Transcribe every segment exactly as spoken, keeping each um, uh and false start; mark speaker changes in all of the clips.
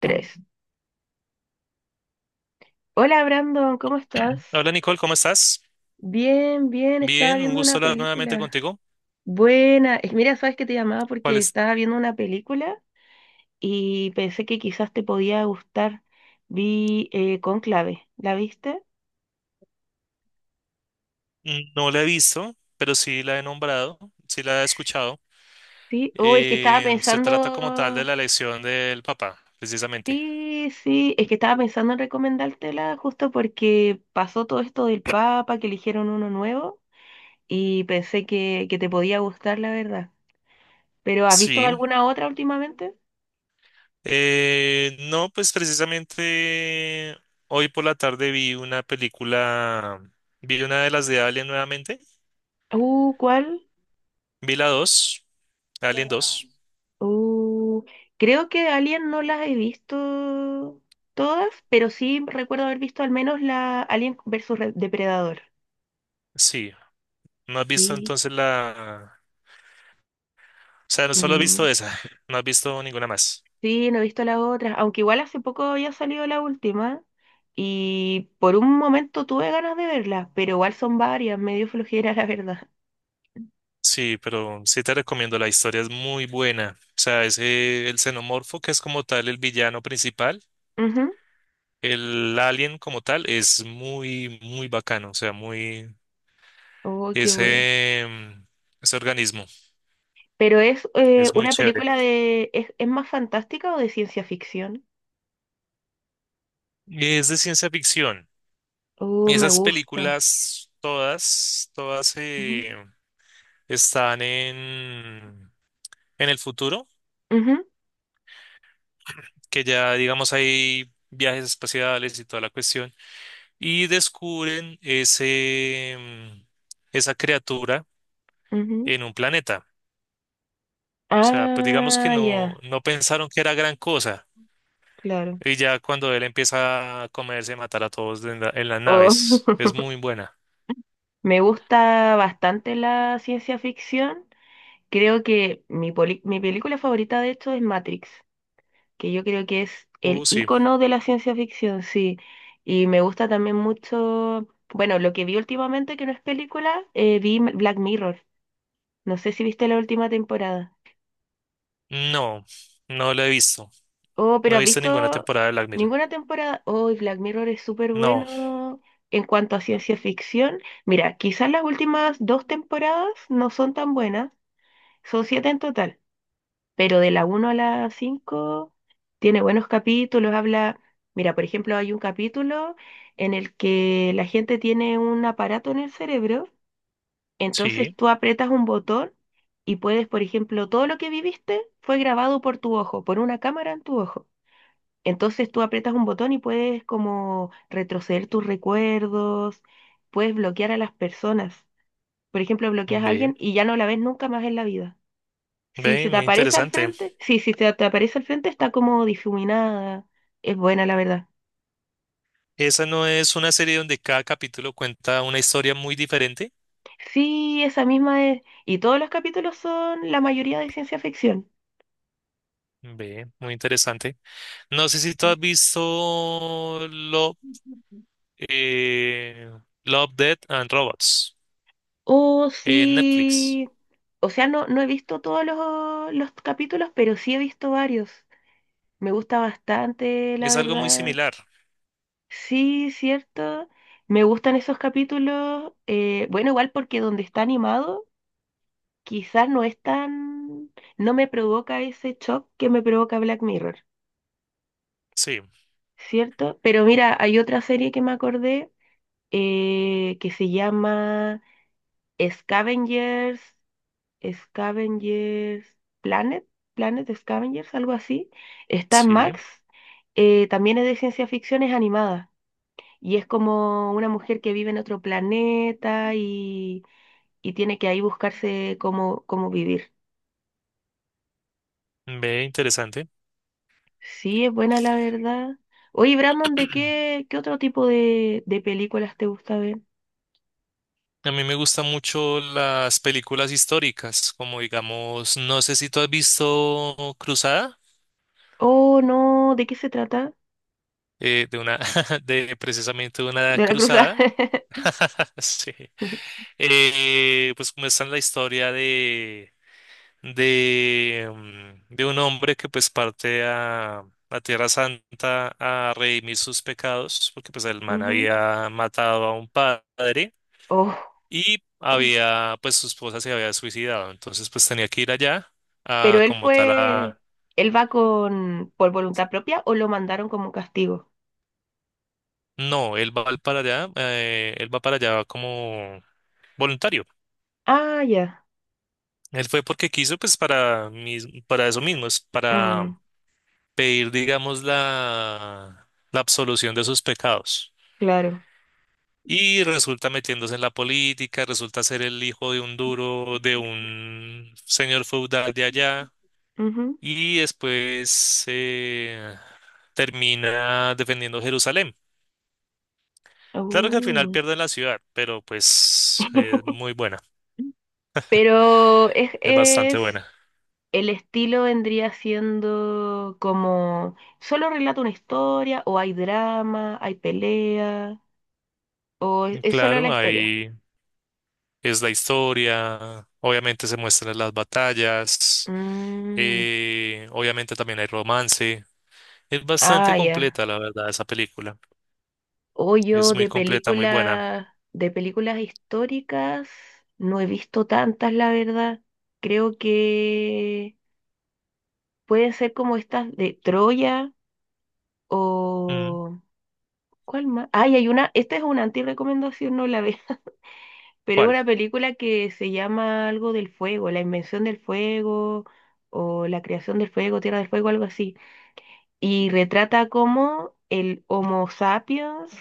Speaker 1: Tres. Hola Brandon, ¿cómo estás?
Speaker 2: Hola Nicole, ¿cómo estás?
Speaker 1: Bien, bien, estaba
Speaker 2: Bien, un
Speaker 1: viendo
Speaker 2: gusto
Speaker 1: una
Speaker 2: hablar nuevamente
Speaker 1: película.
Speaker 2: contigo.
Speaker 1: Buena. Es- Mira, sabes que te llamaba
Speaker 2: ¿Cuál
Speaker 1: porque
Speaker 2: es?
Speaker 1: estaba viendo una película y pensé que quizás te podía gustar. Vi eh, Cónclave, ¿la viste?
Speaker 2: No la he visto, pero sí la he nombrado, sí la he escuchado.
Speaker 1: Sí. Oh, es que estaba
Speaker 2: Eh, se trata como tal de
Speaker 1: pensando.
Speaker 2: la elección del Papa, precisamente.
Speaker 1: Sí, sí, es que estaba pensando en recomendártela justo porque pasó todo esto del Papa, que eligieron uno nuevo y pensé que, que te podía gustar, la verdad. ¿Pero has visto
Speaker 2: Sí.
Speaker 1: alguna otra últimamente?
Speaker 2: Eh, no, pues precisamente hoy por la tarde vi una película, vi una de las de Alien nuevamente,
Speaker 1: Uh, ¿cuál?
Speaker 2: vi la dos, Alien dos.
Speaker 1: Uh, creo que Alien no las he visto todas, pero sí recuerdo haber visto al menos la Alien versus Re- Depredador.
Speaker 2: Sí. ¿No has visto
Speaker 1: Sí,
Speaker 2: entonces la... O sea, no solo has visto
Speaker 1: no,
Speaker 2: esa, no has visto ninguna más.
Speaker 1: sí, no he visto las otras, aunque igual hace poco había salido la última y por un momento tuve ganas de verlas, pero igual son varias, medio flojera la verdad.
Speaker 2: Sí, pero sí te recomiendo, la historia es muy buena. O sea, ese, el xenomorfo, que es como tal el villano principal,
Speaker 1: Ujú.
Speaker 2: el alien como tal, es muy, muy bacano. O sea, muy,
Speaker 1: Oh, qué bueno.
Speaker 2: ese, mm, ese organismo
Speaker 1: Pero es eh,
Speaker 2: es muy
Speaker 1: una
Speaker 2: chévere.
Speaker 1: película de ¿Es, es más fantástica o de ciencia ficción?
Speaker 2: Y es de ciencia ficción.
Speaker 1: Oh, me
Speaker 2: Esas
Speaker 1: gusta.
Speaker 2: películas, todas, todas eh, están en, en el futuro,
Speaker 1: Ujú,
Speaker 2: que ya, digamos, hay viajes espaciales y toda la cuestión. Y descubren ese, mm, esa criatura
Speaker 1: ujú.
Speaker 2: en un planeta. O sea, pues digamos que
Speaker 1: Ah,
Speaker 2: no,
Speaker 1: ya,
Speaker 2: no pensaron que era gran cosa.
Speaker 1: claro.
Speaker 2: Y ya cuando él empieza a comerse, a matar a todos en, la- en las naves, es
Speaker 1: Oh.
Speaker 2: muy buena.
Speaker 1: Me gusta bastante la ciencia ficción. Creo que mi, poli- mi película favorita de hecho es Matrix, que yo creo que es
Speaker 2: Uh,
Speaker 1: el
Speaker 2: sí.
Speaker 1: icono de la ciencia ficción, sí. Y me gusta también mucho, bueno, lo que vi últimamente que no es película, eh, vi M- Black Mirror. No sé si viste la última temporada.
Speaker 2: No, no la he visto.
Speaker 1: Oh,
Speaker 2: No
Speaker 1: pero
Speaker 2: he
Speaker 1: ¿has
Speaker 2: visto ninguna
Speaker 1: visto
Speaker 2: temporada de Black Mirror.
Speaker 1: ninguna temporada? Oh, y Black Mirror es súper
Speaker 2: No,
Speaker 1: bueno en cuanto a ciencia ficción. Mira, quizás las últimas dos temporadas no son tan buenas, son siete en total, pero de la uno a la cinco tiene buenos capítulos, habla. Mira, por ejemplo, hay un capítulo en el que la gente tiene un aparato en el cerebro, entonces
Speaker 2: sí,
Speaker 1: tú aprietas un botón y puedes, por ejemplo, todo lo que viviste fue grabado por tu ojo, por una cámara en tu ojo. Entonces tú aprietas un botón y puedes como retroceder tus recuerdos, puedes bloquear a las personas. Por ejemplo, bloqueas a
Speaker 2: ve,
Speaker 1: alguien y ya no la ves nunca más en la vida. Si
Speaker 2: ve,
Speaker 1: se te
Speaker 2: muy
Speaker 1: aparece al
Speaker 2: interesante.
Speaker 1: frente, sí, si se te aparece al frente está como difuminada. Es buena, la verdad.
Speaker 2: Esa no es una serie donde cada capítulo cuenta una historia muy diferente.
Speaker 1: Sí, esa misma es. Y todos los capítulos son la mayoría de ciencia ficción.
Speaker 2: Ve, muy interesante. No sé si tú has visto Love, eh, Love, Death and Robots
Speaker 1: Oh,
Speaker 2: en Netflix.
Speaker 1: sí. O sea, no, no he visto todos los, los capítulos, pero sí he visto varios. Me gusta bastante, la
Speaker 2: Es algo muy
Speaker 1: verdad.
Speaker 2: similar.
Speaker 1: Sí, cierto. Me gustan esos capítulos. eh, bueno, igual porque donde está animado, quizás no es tan. No me provoca ese shock que me provoca Black Mirror,
Speaker 2: Sí,
Speaker 1: ¿cierto? Pero mira, hay otra serie que me acordé eh, que se llama Scavengers, Scavengers Planet, Planet Scavengers, algo así. Está en
Speaker 2: sí,
Speaker 1: Max. eh, también es de ciencia ficción, es animada. Y es como una mujer que vive en otro planeta y, y tiene que ahí buscarse cómo, cómo vivir.
Speaker 2: ve interesante.
Speaker 1: Sí, es buena la verdad. Oye, Brandon, ¿de qué, qué otro tipo de, de películas te gusta ver?
Speaker 2: A mí me gustan mucho las películas históricas, como digamos, no sé si tú has visto Cruzada,
Speaker 1: Oh, no, ¿de qué se trata?
Speaker 2: eh, de una, de precisamente una
Speaker 1: De la cruzada.
Speaker 2: cruzada. Sí. Eh, pues como está la historia de de, mm, de un hombre que pues parte a la Tierra Santa a redimir sus pecados, porque pues el man
Speaker 1: Ujú.
Speaker 2: había matado a un padre
Speaker 1: Oh,
Speaker 2: y había, pues su esposa se había suicidado, entonces pues tenía que ir allá
Speaker 1: pero
Speaker 2: a
Speaker 1: él
Speaker 2: como tal
Speaker 1: fue,
Speaker 2: a...
Speaker 1: él va con, por voluntad propia o lo mandaron como castigo.
Speaker 2: No, él va al- para allá, eh, él va para allá como voluntario.
Speaker 1: Ah, ya.
Speaker 2: Él fue porque quiso, pues para, mis- para eso mismo, es para
Speaker 1: Mm,
Speaker 2: pedir, digamos, la, la absolución de sus pecados.
Speaker 1: claro.
Speaker 2: Y resulta metiéndose en la política, resulta ser el hijo de un duro, de un señor feudal de allá,
Speaker 1: Ujú.
Speaker 2: y después eh, termina defendiendo Jerusalén. Claro que al final
Speaker 1: Uh.
Speaker 2: pierden la ciudad, pero pues es muy buena,
Speaker 1: Pero es,
Speaker 2: es bastante
Speaker 1: es,
Speaker 2: buena.
Speaker 1: el estilo vendría siendo como, ¿solo relata una historia o hay drama, hay pelea o es,
Speaker 2: Y
Speaker 1: es solo la
Speaker 2: claro,
Speaker 1: historia?
Speaker 2: ahí es la historia, obviamente se muestran las batallas,
Speaker 1: Mm,
Speaker 2: eh, obviamente también hay romance. Es
Speaker 1: ah,
Speaker 2: bastante
Speaker 1: ya.
Speaker 2: completa, la verdad, esa película.
Speaker 1: O yo
Speaker 2: Es muy
Speaker 1: de
Speaker 2: completa, muy buena.
Speaker 1: películas, de películas históricas no he visto tantas, la verdad. Creo que pueden ser como estas de Troya
Speaker 2: Mm,
Speaker 1: o. ¿Cuál más? Ay, hay una, esta es una anti-recomendación, no la veo. Pero es
Speaker 2: ¿cuál?
Speaker 1: una película que se llama algo del fuego, la invención del fuego o la creación del fuego, tierra del fuego, algo así. Y retrata cómo el Homo sapiens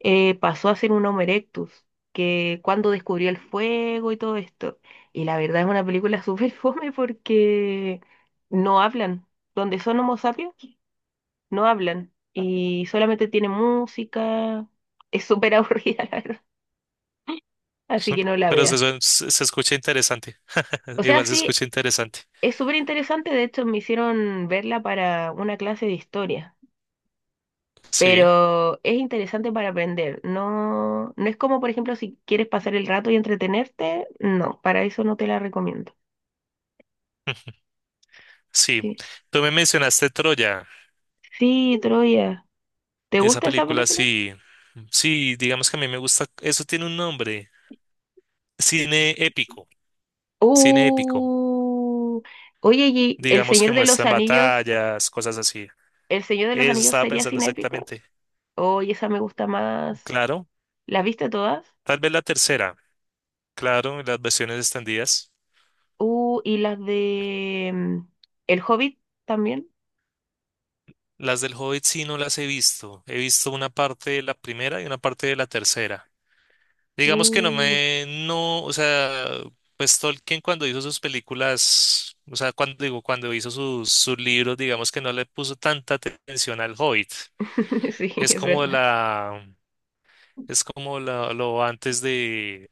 Speaker 1: eh, pasó a ser un Homo erectus, que cuando descubrió el fuego y todo esto. Y la verdad es una película súper fome porque no hablan. Donde son Homo sapiens, no hablan. Y solamente tiene música. Es súper aburrida, la verdad. Así
Speaker 2: Son-
Speaker 1: que no la
Speaker 2: Pero se,
Speaker 1: veas.
Speaker 2: suen- se- se escucha interesante.
Speaker 1: O sea,
Speaker 2: Igual se
Speaker 1: sí.
Speaker 2: escucha interesante.
Speaker 1: Es súper interesante, de hecho me hicieron verla para una clase de historia,
Speaker 2: Sí,
Speaker 1: pero es interesante para aprender. No, no es como, por ejemplo, si quieres pasar el rato y entretenerte, no, para eso no te la recomiendo.
Speaker 2: sí.
Speaker 1: Sí,
Speaker 2: Tú me mencionaste Troya.
Speaker 1: sí, Troya. ¿Te
Speaker 2: Esa
Speaker 1: gusta esa
Speaker 2: película,
Speaker 1: película?
Speaker 2: sí. Sí, digamos que a mí me gusta. Eso tiene un nombre. Cine épico. Cine épico.
Speaker 1: Uh, oye, ¿y El
Speaker 2: Digamos que
Speaker 1: Señor de los
Speaker 2: muestran
Speaker 1: Anillos,
Speaker 2: batallas, cosas así.
Speaker 1: El Señor de los
Speaker 2: Eso
Speaker 1: Anillos
Speaker 2: estaba
Speaker 1: sería
Speaker 2: pensando
Speaker 1: cinépico?
Speaker 2: exactamente.
Speaker 1: Oye, esa me gusta más.
Speaker 2: Claro.
Speaker 1: ¿Las viste todas?
Speaker 2: Tal vez la tercera. Claro, las versiones extendidas.
Speaker 1: Uh, y las de mm, El Hobbit también.
Speaker 2: Las del Hobbit sí no las he visto. He visto una parte de la primera y una parte de la tercera. Digamos que no
Speaker 1: Uh,
Speaker 2: me, no, o sea, pues Tolkien cuando hizo sus películas, o sea, cuando digo, cuando hizo sus, sus libros, digamos que no le puso tanta atención al Hobbit.
Speaker 1: sí,
Speaker 2: Es
Speaker 1: es
Speaker 2: como
Speaker 1: verdad.
Speaker 2: la, es como la, lo antes de,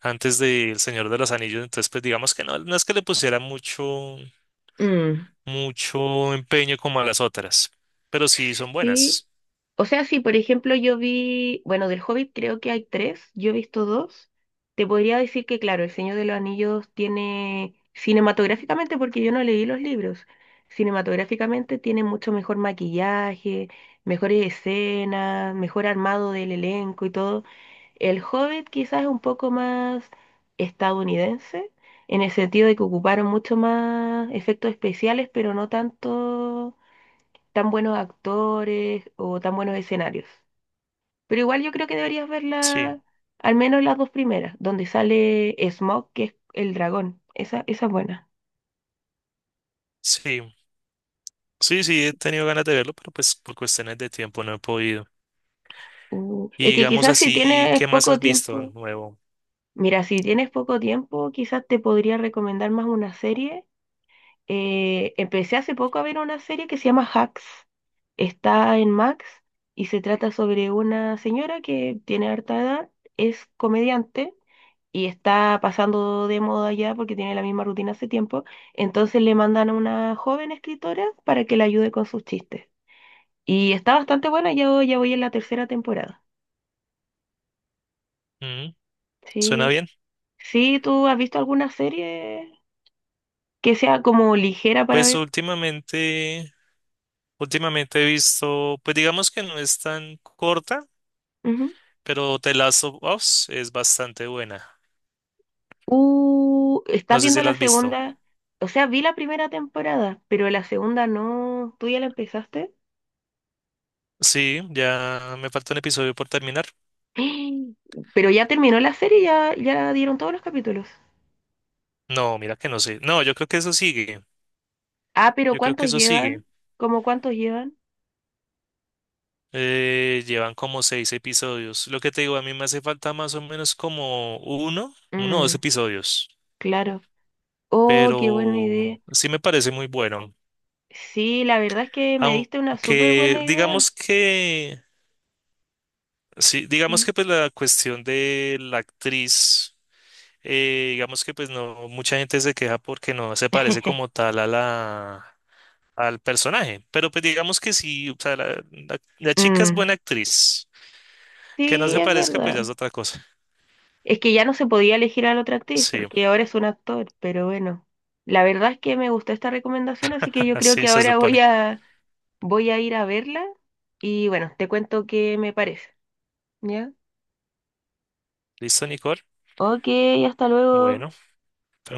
Speaker 2: antes de El Señor de los Anillos. Entonces, pues digamos que no, no es que le pusiera mucho,
Speaker 1: Mm,
Speaker 2: mucho empeño como a las otras, pero sí son
Speaker 1: sí.
Speaker 2: buenas.
Speaker 1: O sea, sí. Por ejemplo yo vi, bueno, del Hobbit creo que hay tres, yo he visto dos. Te podría decir que, claro, El Señor de los Anillos tiene, cinematográficamente, porque yo no leí los libros, cinematográficamente tiene mucho mejor maquillaje, mejores escenas, mejor armado del elenco y todo. El Hobbit quizás es un poco más estadounidense, en el sentido de que ocuparon mucho más efectos especiales, pero no tanto tan buenos actores o tan buenos escenarios. Pero igual yo creo que deberías ver
Speaker 2: Sí,
Speaker 1: la, al menos las dos primeras, donde sale Smoke, que es el dragón. Esa, esa es buena.
Speaker 2: sí, sí, sí, he tenido ganas de verlo, pero pues por cuestiones de tiempo no he podido.
Speaker 1: Uh, es
Speaker 2: Y
Speaker 1: que
Speaker 2: digamos
Speaker 1: quizás si
Speaker 2: así,
Speaker 1: tienes
Speaker 2: ¿qué más
Speaker 1: poco
Speaker 2: has visto
Speaker 1: tiempo,
Speaker 2: nuevo?
Speaker 1: mira, si tienes poco tiempo, quizás te podría recomendar más una serie. Eh, empecé hace poco a ver una serie que se llama Hacks. Está en Max y se trata sobre una señora que tiene harta edad, es comediante y está pasando de moda ya porque tiene la misma rutina hace tiempo. Entonces le mandan a una joven escritora para que la ayude con sus chistes. Y está bastante buena, yo ya voy en la tercera temporada.
Speaker 2: Mm, ¿suena
Speaker 1: Sí.
Speaker 2: bien?
Speaker 1: Sí, ¿tú has visto alguna serie que sea como ligera para
Speaker 2: Pues
Speaker 1: ver?
Speaker 2: últimamente, últimamente he visto, pues digamos que no es tan corta,
Speaker 1: Ujú.
Speaker 2: pero The Last of Us es bastante buena.
Speaker 1: Uh, ¿estás
Speaker 2: No sé si
Speaker 1: viendo
Speaker 2: la
Speaker 1: la
Speaker 2: has visto.
Speaker 1: segunda? O sea, vi la primera temporada, pero la segunda no. ¿Tú ya la empezaste?
Speaker 2: Sí, ya me falta un episodio por terminar.
Speaker 1: Pero ya terminó la serie, ya, ya dieron todos los capítulos.
Speaker 2: No, mira que no sé. No, yo creo que eso sigue.
Speaker 1: Ah, pero
Speaker 2: Yo creo que
Speaker 1: ¿cuántos
Speaker 2: eso sigue.
Speaker 1: llevan? ¿Cómo cuántos llevan?
Speaker 2: Eh, llevan como seis episodios. Lo que te digo, a mí me hace falta más o menos como uno, uno o dos
Speaker 1: Mm,
Speaker 2: episodios.
Speaker 1: claro. Oh, qué buena
Speaker 2: Pero
Speaker 1: idea.
Speaker 2: sí me parece muy bueno.
Speaker 1: Sí, la verdad es que me diste una súper
Speaker 2: Aunque
Speaker 1: buena idea.
Speaker 2: digamos que, sí, digamos
Speaker 1: Mm.
Speaker 2: que pues la cuestión de la actriz, eh, digamos que pues no, mucha gente se queja porque no se parece como tal a la, al personaje, pero pues digamos que sí, o sea, la, la- la chica es
Speaker 1: Mm,
Speaker 2: buena actriz, que no
Speaker 1: sí,
Speaker 2: se
Speaker 1: es
Speaker 2: parezca pues ya
Speaker 1: verdad.
Speaker 2: es otra cosa.
Speaker 1: Es que ya no se podía elegir a la otra actriz
Speaker 2: Sí,
Speaker 1: porque ahora es un actor, pero bueno. La verdad es que me gustó esta recomendación, así que yo creo que
Speaker 2: así se
Speaker 1: ahora voy
Speaker 2: supone.
Speaker 1: a voy a ir a verla y bueno, te cuento qué me parece. ¿Ya?
Speaker 2: ¿Listo, Nicole?
Speaker 1: Ok, hasta luego.
Speaker 2: Bueno.